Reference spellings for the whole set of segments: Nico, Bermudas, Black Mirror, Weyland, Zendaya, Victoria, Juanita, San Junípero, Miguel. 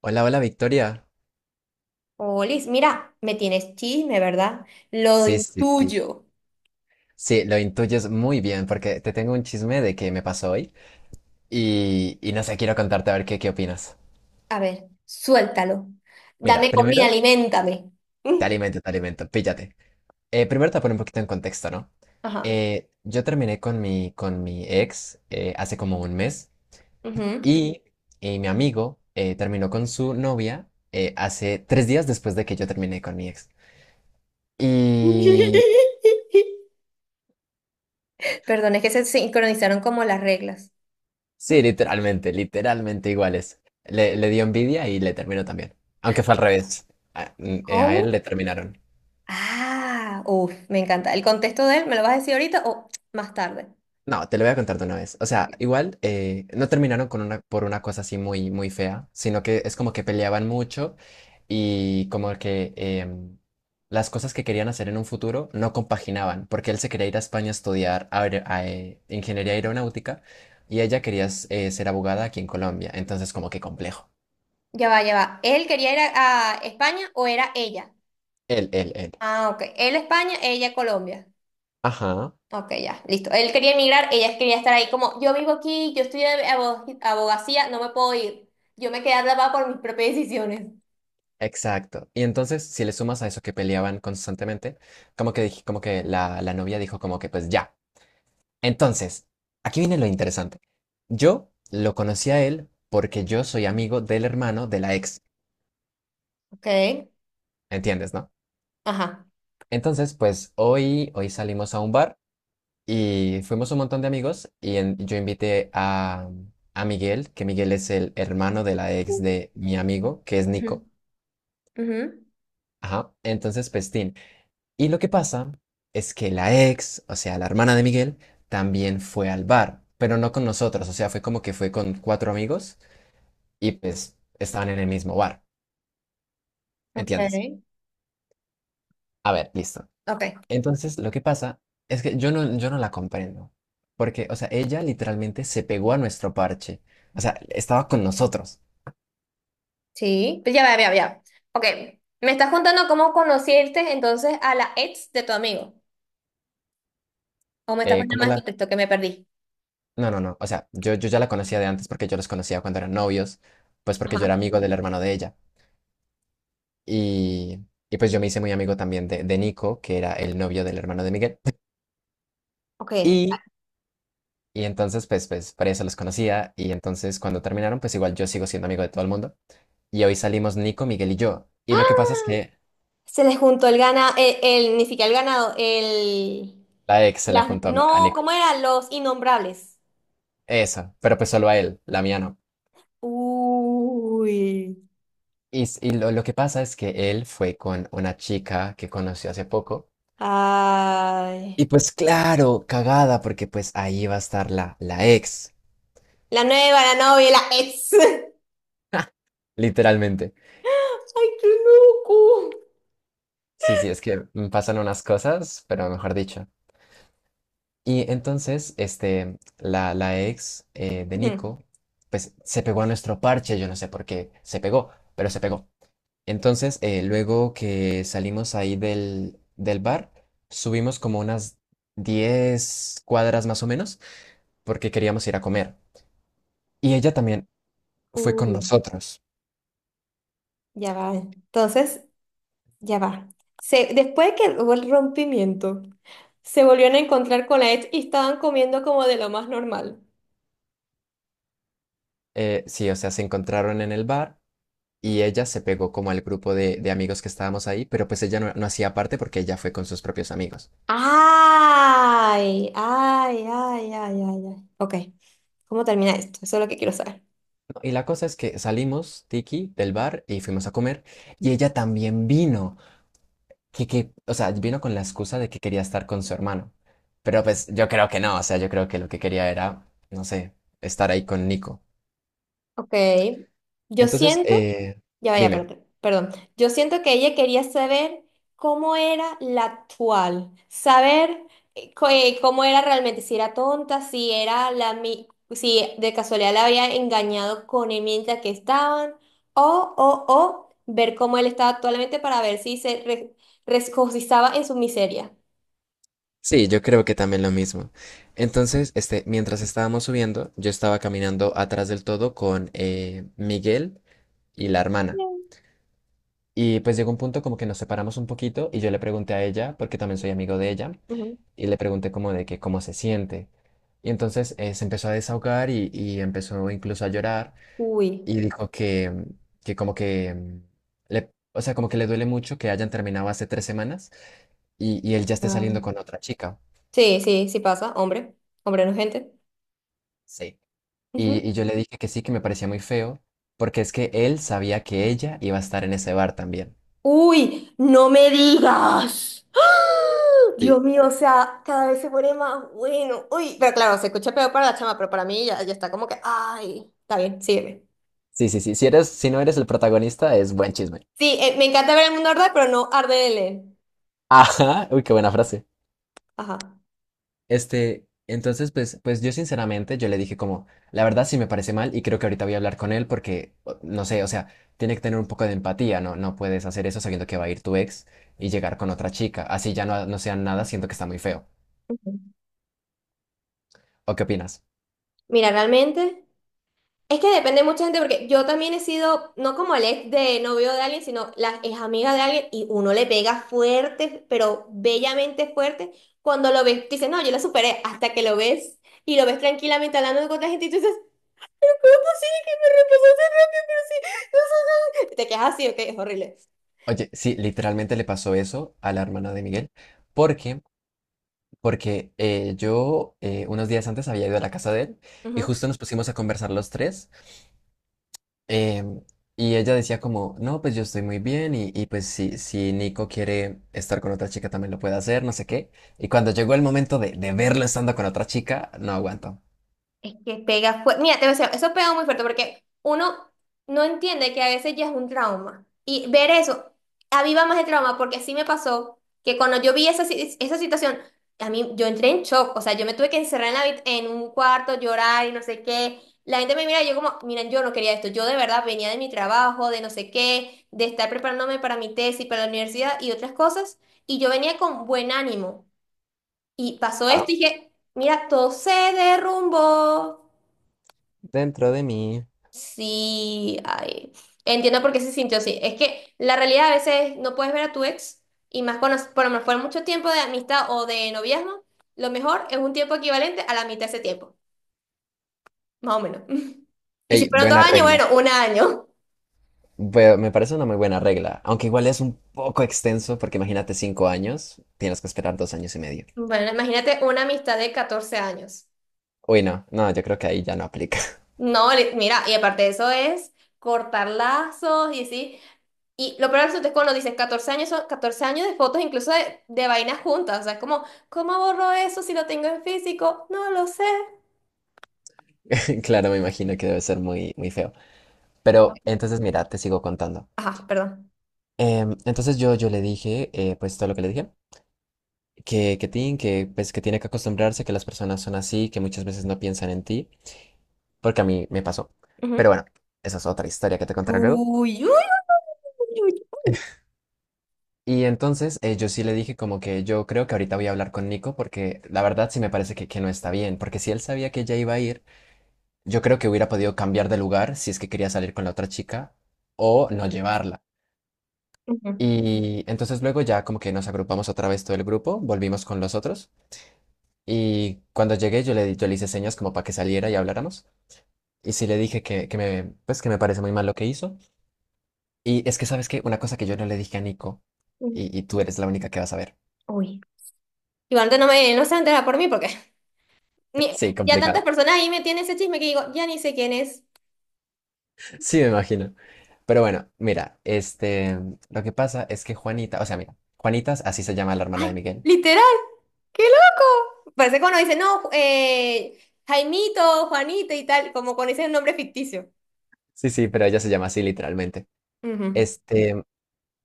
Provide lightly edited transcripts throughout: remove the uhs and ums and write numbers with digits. Hola, hola Victoria. Olis, mira, me tienes chisme, ¿verdad? Lo Sí, sí, sí, sí. intuyo. Sí, lo intuyes muy bien porque te tengo un chisme de que me pasó hoy y no sé, quiero contarte a ver qué opinas. A ver, suéltalo. Mira, Dame comida, primero, aliméntame. Mm, te alimento, píllate. Primero te pongo un poquito en contexto, ¿no? ajá. Yo terminé con con mi ex hace como un mes Ujú. y, y mi amigo terminó con su novia hace 3 días después de que yo terminé con mi ex. Y Perdón, es que se sincronizaron como las reglas. Sí, literalmente, literalmente iguales. Le dio envidia y le terminó también. Aunque fue al revés. A ¿Cómo? él le terminaron. Ah, uff, me encanta. ¿El contexto de él me lo vas a decir ahorita o más tarde? No, te lo voy a contar de una vez. O sea, igual no terminaron por una cosa así muy, muy fea, sino que es como que peleaban mucho y como que las cosas que querían hacer en un futuro no compaginaban, porque él se quería ir a España a estudiar ingeniería aeronáutica y ella quería ser abogada aquí en Colombia. Entonces, como que complejo. Ya va, ya va. ¿Él quería ir a España o era ella? Él, él, él. Ah, ok. Él España, ella Colombia. Ajá. Ok, ya, listo. Él quería emigrar, ella quería estar ahí como, yo vivo aquí, yo estudio abogacía, no me puedo ir. Yo me quedé atrapada por mis propias decisiones. Exacto. Y entonces, si le sumas a eso que peleaban constantemente, como que como que la novia dijo como que pues ya. Entonces, aquí viene lo interesante. Yo lo conocí a él porque yo soy amigo del hermano de la ex, Ok, ¿entiendes, no? ajá. Entonces, pues hoy salimos a un bar y fuimos un montón de amigos y yo invité a Miguel, que Miguel es el hermano de la ex de mi amigo, que es Ujú. Nico. Ujú. Ajá. Entonces, Pestín. Y lo que pasa es que la ex, o sea, la hermana de Miguel, también fue al bar, pero no con nosotros, o sea, fue como que fue con cuatro amigos y pues estaban en el mismo bar, Ok, ¿entiendes? A ver, listo. ok. Entonces, lo que pasa es que yo no la comprendo, porque, o sea, ella literalmente se pegó a nuestro parche, o sea, estaba con nosotros. Sí, pues ya, ya, ya, ya. Ok, me estás contando cómo conociste entonces a la ex de tu amigo. O me estás poniendo ¿Cómo más la...? contexto que me perdí. No, no, no, o sea, yo ya la conocía de antes porque yo los conocía cuando eran novios, pues porque yo era Ajá. amigo del hermano de ella. Y, y pues yo me hice muy amigo también de Nico, que era el novio del hermano de Miguel. Ok. Y, y entonces, pues, por eso los conocía. Y entonces, cuando terminaron, pues igual yo sigo siendo amigo de todo el mundo. Y hoy salimos Nico, Miguel y yo. Y lo que pasa es que Se les juntó el gana, el, ni siquiera el ganado. la ex se le Las, juntó a no, Nico. ¿cómo eran? Los innombrables. Eso, pero pues solo a él, la mía no. Uy. Y lo que pasa es que él fue con una chica que conoció hace poco. Y Ay. pues claro, cagada, porque pues ahí va a estar la ex, La nueva, la novia, la ex. literalmente. Ay, qué loco. Sí, sí, es que me pasan unas cosas, pero mejor dicho. Y entonces, este, la ex de Ujú. Nico, pues se pegó a nuestro parche, yo no sé por qué se pegó, pero se pegó. Entonces, luego que salimos ahí del bar, subimos como unas 10 cuadras más o menos, porque queríamos ir a comer. Y ella también fue con Uy, nosotros. ya va. Entonces, ya va. Después de que hubo el rompimiento, se volvieron a encontrar con la ex y estaban comiendo como de lo más normal. Sí, o sea, se encontraron en el bar y ella se pegó como al grupo de amigos que estábamos ahí, pero pues ella no, no hacía parte porque ella fue con sus propios amigos. Ay, ay, ay, ay, ay, ay. Ok, ¿cómo termina esto? Eso es lo que quiero saber. ¿No? Y la cosa es que salimos, Tiki, del bar y fuimos a comer y ella también vino, que, o sea, vino con la excusa de que quería estar con su hermano, pero pues yo creo que no, o sea, yo creo que lo que quería era, no sé, estar ahí con Nico. Ok. Yo Entonces, siento, ya vaya, dime. perdón, perdón. Yo siento que ella quería saber cómo era la actual, saber cómo era realmente, si era tonta, si era si de casualidad la había engañado con el mientras que estaban, o ver cómo él estaba actualmente para ver si se regocijaba en su miseria. Sí, yo creo que también lo mismo. Entonces, este, mientras estábamos subiendo, yo estaba caminando atrás del todo con Miguel y la hermana. Bien. Y pues llegó un punto como que nos separamos un poquito y yo le pregunté a ella, porque también soy amigo de ella, Ujú. y le pregunté como de que cómo se siente. Y entonces se empezó a desahogar y empezó incluso a llorar Uy. y dijo que como que mm, le, o sea, como que le duele mucho que hayan terminado hace 3 semanas y él ya esté Wow. saliendo con otra chica. Sí, sí, sí pasa, hombre. Hombre no es gente. Sí. Y yo le dije que sí, que me parecía muy feo, porque es que él sabía que ella iba a estar en ese bar también. Uy, no me digas. ¡Ah! Dios mío, o sea, cada vez se pone más bueno. Uy, pero claro, se escucha peor para la chama, pero para mí ya, ya está como que, ay, está bien, sígueme. Sí, sí, sí. Si no eres el protagonista, es buen chisme. Sí, me encanta ver el mundo arder, pero no arde de leer. Ajá. Uy, qué buena frase. Ajá. Entonces, pues yo sinceramente, yo le dije como, la verdad sí me parece mal y creo que ahorita voy a hablar con él porque, no sé, o sea, tiene que tener un poco de empatía, ¿no? No puedes hacer eso sabiendo que va a ir tu ex y llegar con otra chica. Así ya no, no sean nada, siento que está muy feo. Ujú. ¿O qué opinas? Mira, realmente. Es que depende mucha gente, porque yo también he sido, no como el ex de novio de alguien, sino la ex amiga de alguien, y uno le pega fuerte, pero bellamente fuerte, cuando lo ves, tú dices, no, yo la superé, hasta que lo ves y lo ves tranquilamente hablando con otra gente, y tú dices, pero ¿cómo es posible que me reemplazaste rápido? Pero sí, no, no, no". Te quedas así, ok, es Oye, sí, literalmente le pasó eso a la hermana de Miguel. ¿Por qué? Porque yo unos días antes había ido a la casa de él y horrible. justo nos pusimos a conversar los tres. Em, y ella decía como, no, pues yo estoy muy bien y pues si, Nico quiere estar con otra chica también lo puede hacer, no sé qué. Y cuando llegó el momento de verlo estando con otra chica, no aguanto. Es que pega fuerte. Mira, te voy a decir, eso pega muy fuerte porque uno no entiende que a veces ya es un trauma. Y ver eso aviva más el trauma porque así me pasó que cuando yo vi esa, esa situación, a mí yo entré en shock. O sea, yo me tuve que encerrar en un cuarto, llorar y no sé qué. La gente me mira y yo como, miren, yo no quería esto. Yo de verdad venía de mi trabajo, de no sé qué, de estar preparándome para mi tesis, para la universidad y otras cosas. Y yo venía con buen ánimo. Y pasó esto Ah, y dije, mira, todo se derrumbó. dentro de mí. Sí, ay, entiendo por qué se sintió así. Es que la realidad a veces no puedes ver a tu ex y más cuando, por lo mejor mucho tiempo de amistad o de noviazgo, lo mejor es un tiempo equivalente a la mitad de ese tiempo, más o menos. Y si Ey, fueron dos buena años, regla. bueno, un año. Me parece una muy buena regla, aunque igual es un poco extenso porque imagínate 5 años, tienes que esperar 2 años y medio. Bueno, imagínate una amistad de 14 años. Uy, no, no, yo creo que ahí ya no aplica. No, mira, y aparte de eso es cortar lazos y así. Y lo peor es que cuando dices 14 años, son 14 años de fotos, incluso de vainas juntas. O sea, es como, ¿cómo borro eso si lo tengo en físico? No lo sé. Claro, me imagino que debe ser muy, muy feo. Pero entonces mira, te sigo contando. Ajá, perdón. Entonces yo le dije, pues todo lo que le dije, que tiene que acostumbrarse, que las personas son así, que muchas veces no piensan en ti, porque a mí me pasó. Pero Ujú. bueno, esa es otra historia que te contaré luego. Uy, uy, uy, uy. Y entonces yo sí le dije como que yo creo que ahorita voy a hablar con Nico porque la verdad sí me parece que no está bien, porque si él sabía que ella iba a ir, yo creo que hubiera podido cambiar de lugar si es que quería salir con la otra chica o no llevarla. Ujú. Y entonces luego ya como que nos agrupamos otra vez todo el grupo, volvimos con los otros. Y cuando llegué yo le hice señas como para que saliera y habláramos. Y sí le dije que me, pues que me parece muy mal lo que hizo. Y es que, ¿sabes qué? Una cosa que yo no le dije a Nico, Uy. y tú eres la única que vas a ver. Uy. Igualmente no me, no se va a enterar por mí porque ni- Sí, ya tantas complicado. personas ahí me tienen ese chisme que digo, ya ni sé quién es. Sí, me imagino. Pero bueno, mira, lo que pasa es que Juanita, o sea, mira, Juanita, así se llama la hermana de Ay, Miguel. literal. ¡Qué loco! Parece cuando dicen, no, Jaimito, Juanito y tal, como cuando dicen un nombre ficticio. Sí, sí, pero ella se llama así literalmente. Ujú. Este,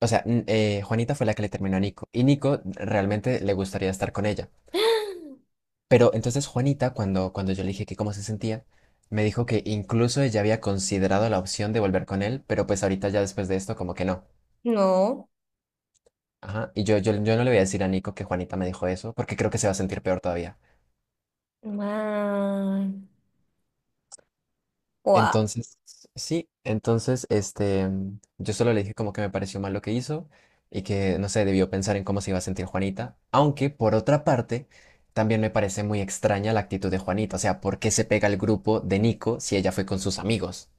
o sea, Juanita fue la que le terminó a Nico. Y Nico realmente le gustaría estar con ella. Pero entonces Juanita, cuando yo le dije que cómo se sentía, me dijo que incluso ella había considerado la opción de volver con él, pero pues ahorita ya después de esto como que no. No. Ajá, y yo no le voy a decir a Nico que Juanita me dijo eso, porque creo que se va a sentir peor todavía. Wow. Entonces, sí, entonces, yo solo le dije como que me pareció mal lo que hizo y que, no sé, debió pensar en cómo se iba a sentir Juanita, aunque por otra parte, también me parece muy extraña la actitud de Juanita, o sea, ¿por qué se pega al grupo de Nico si ella fue con sus amigos?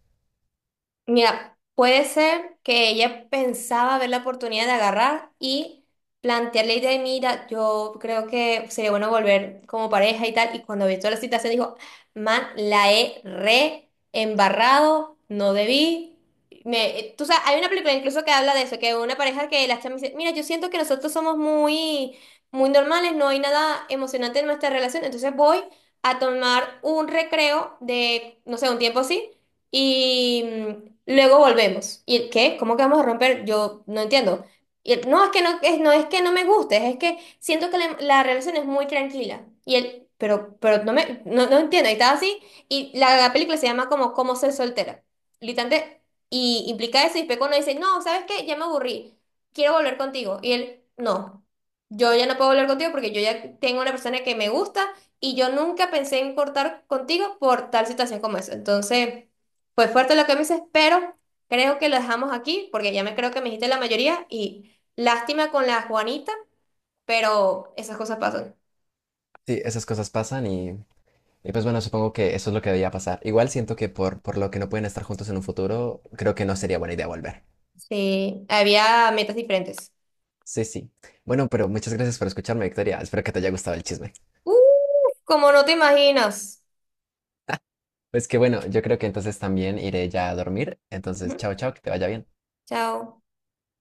Mira, puede ser que ella pensaba ver la oportunidad de agarrar y plantearle la idea de, mira, yo creo que sería bueno volver como pareja y tal. Y cuando vio toda la situación dijo, man, la he re embarrado, no debí. Tú sabes, hay una película incluso que habla de eso, que una pareja que la chama dice, mira, yo siento que nosotros somos muy, muy normales, no hay nada emocionante en nuestra relación, entonces voy a tomar un recreo de, no sé, un tiempo así y luego volvemos. ¿Y el qué? ¿Cómo que vamos a romper? Yo no entiendo. Y él, no, es que no es que no me guste, es que siento que la relación es muy tranquila. Y él, pero no, no entiendo. Y estaba así. Y la película se llama como Cómo ser soltera. Literalmente, y implica eso. Y Peco no dice, no, ¿sabes qué? Ya me aburrí. Quiero volver contigo. Y él, no. Yo ya no puedo volver contigo porque yo ya tengo una persona que me gusta y yo nunca pensé en cortar contigo por tal situación como esa. Entonces. Fue fuerte lo que me dices, pero creo que lo dejamos aquí porque ya me creo que me dijiste la mayoría y lástima con la Juanita, pero esas cosas pasan. Sí, esas cosas pasan y pues bueno, supongo que eso es lo que debía pasar. Igual siento que por lo que no pueden estar juntos en un futuro, creo que no sería buena idea volver. Sí, había metas diferentes. Sí, sí. Bueno, pero muchas gracias por escucharme, Victoria. Espero que te haya gustado el chisme. ¡Uh! Como no te imaginas. Pues que bueno, yo creo que entonces también iré ya a dormir. Entonces, Ujú. chao, chao, que te vaya bien. Chao.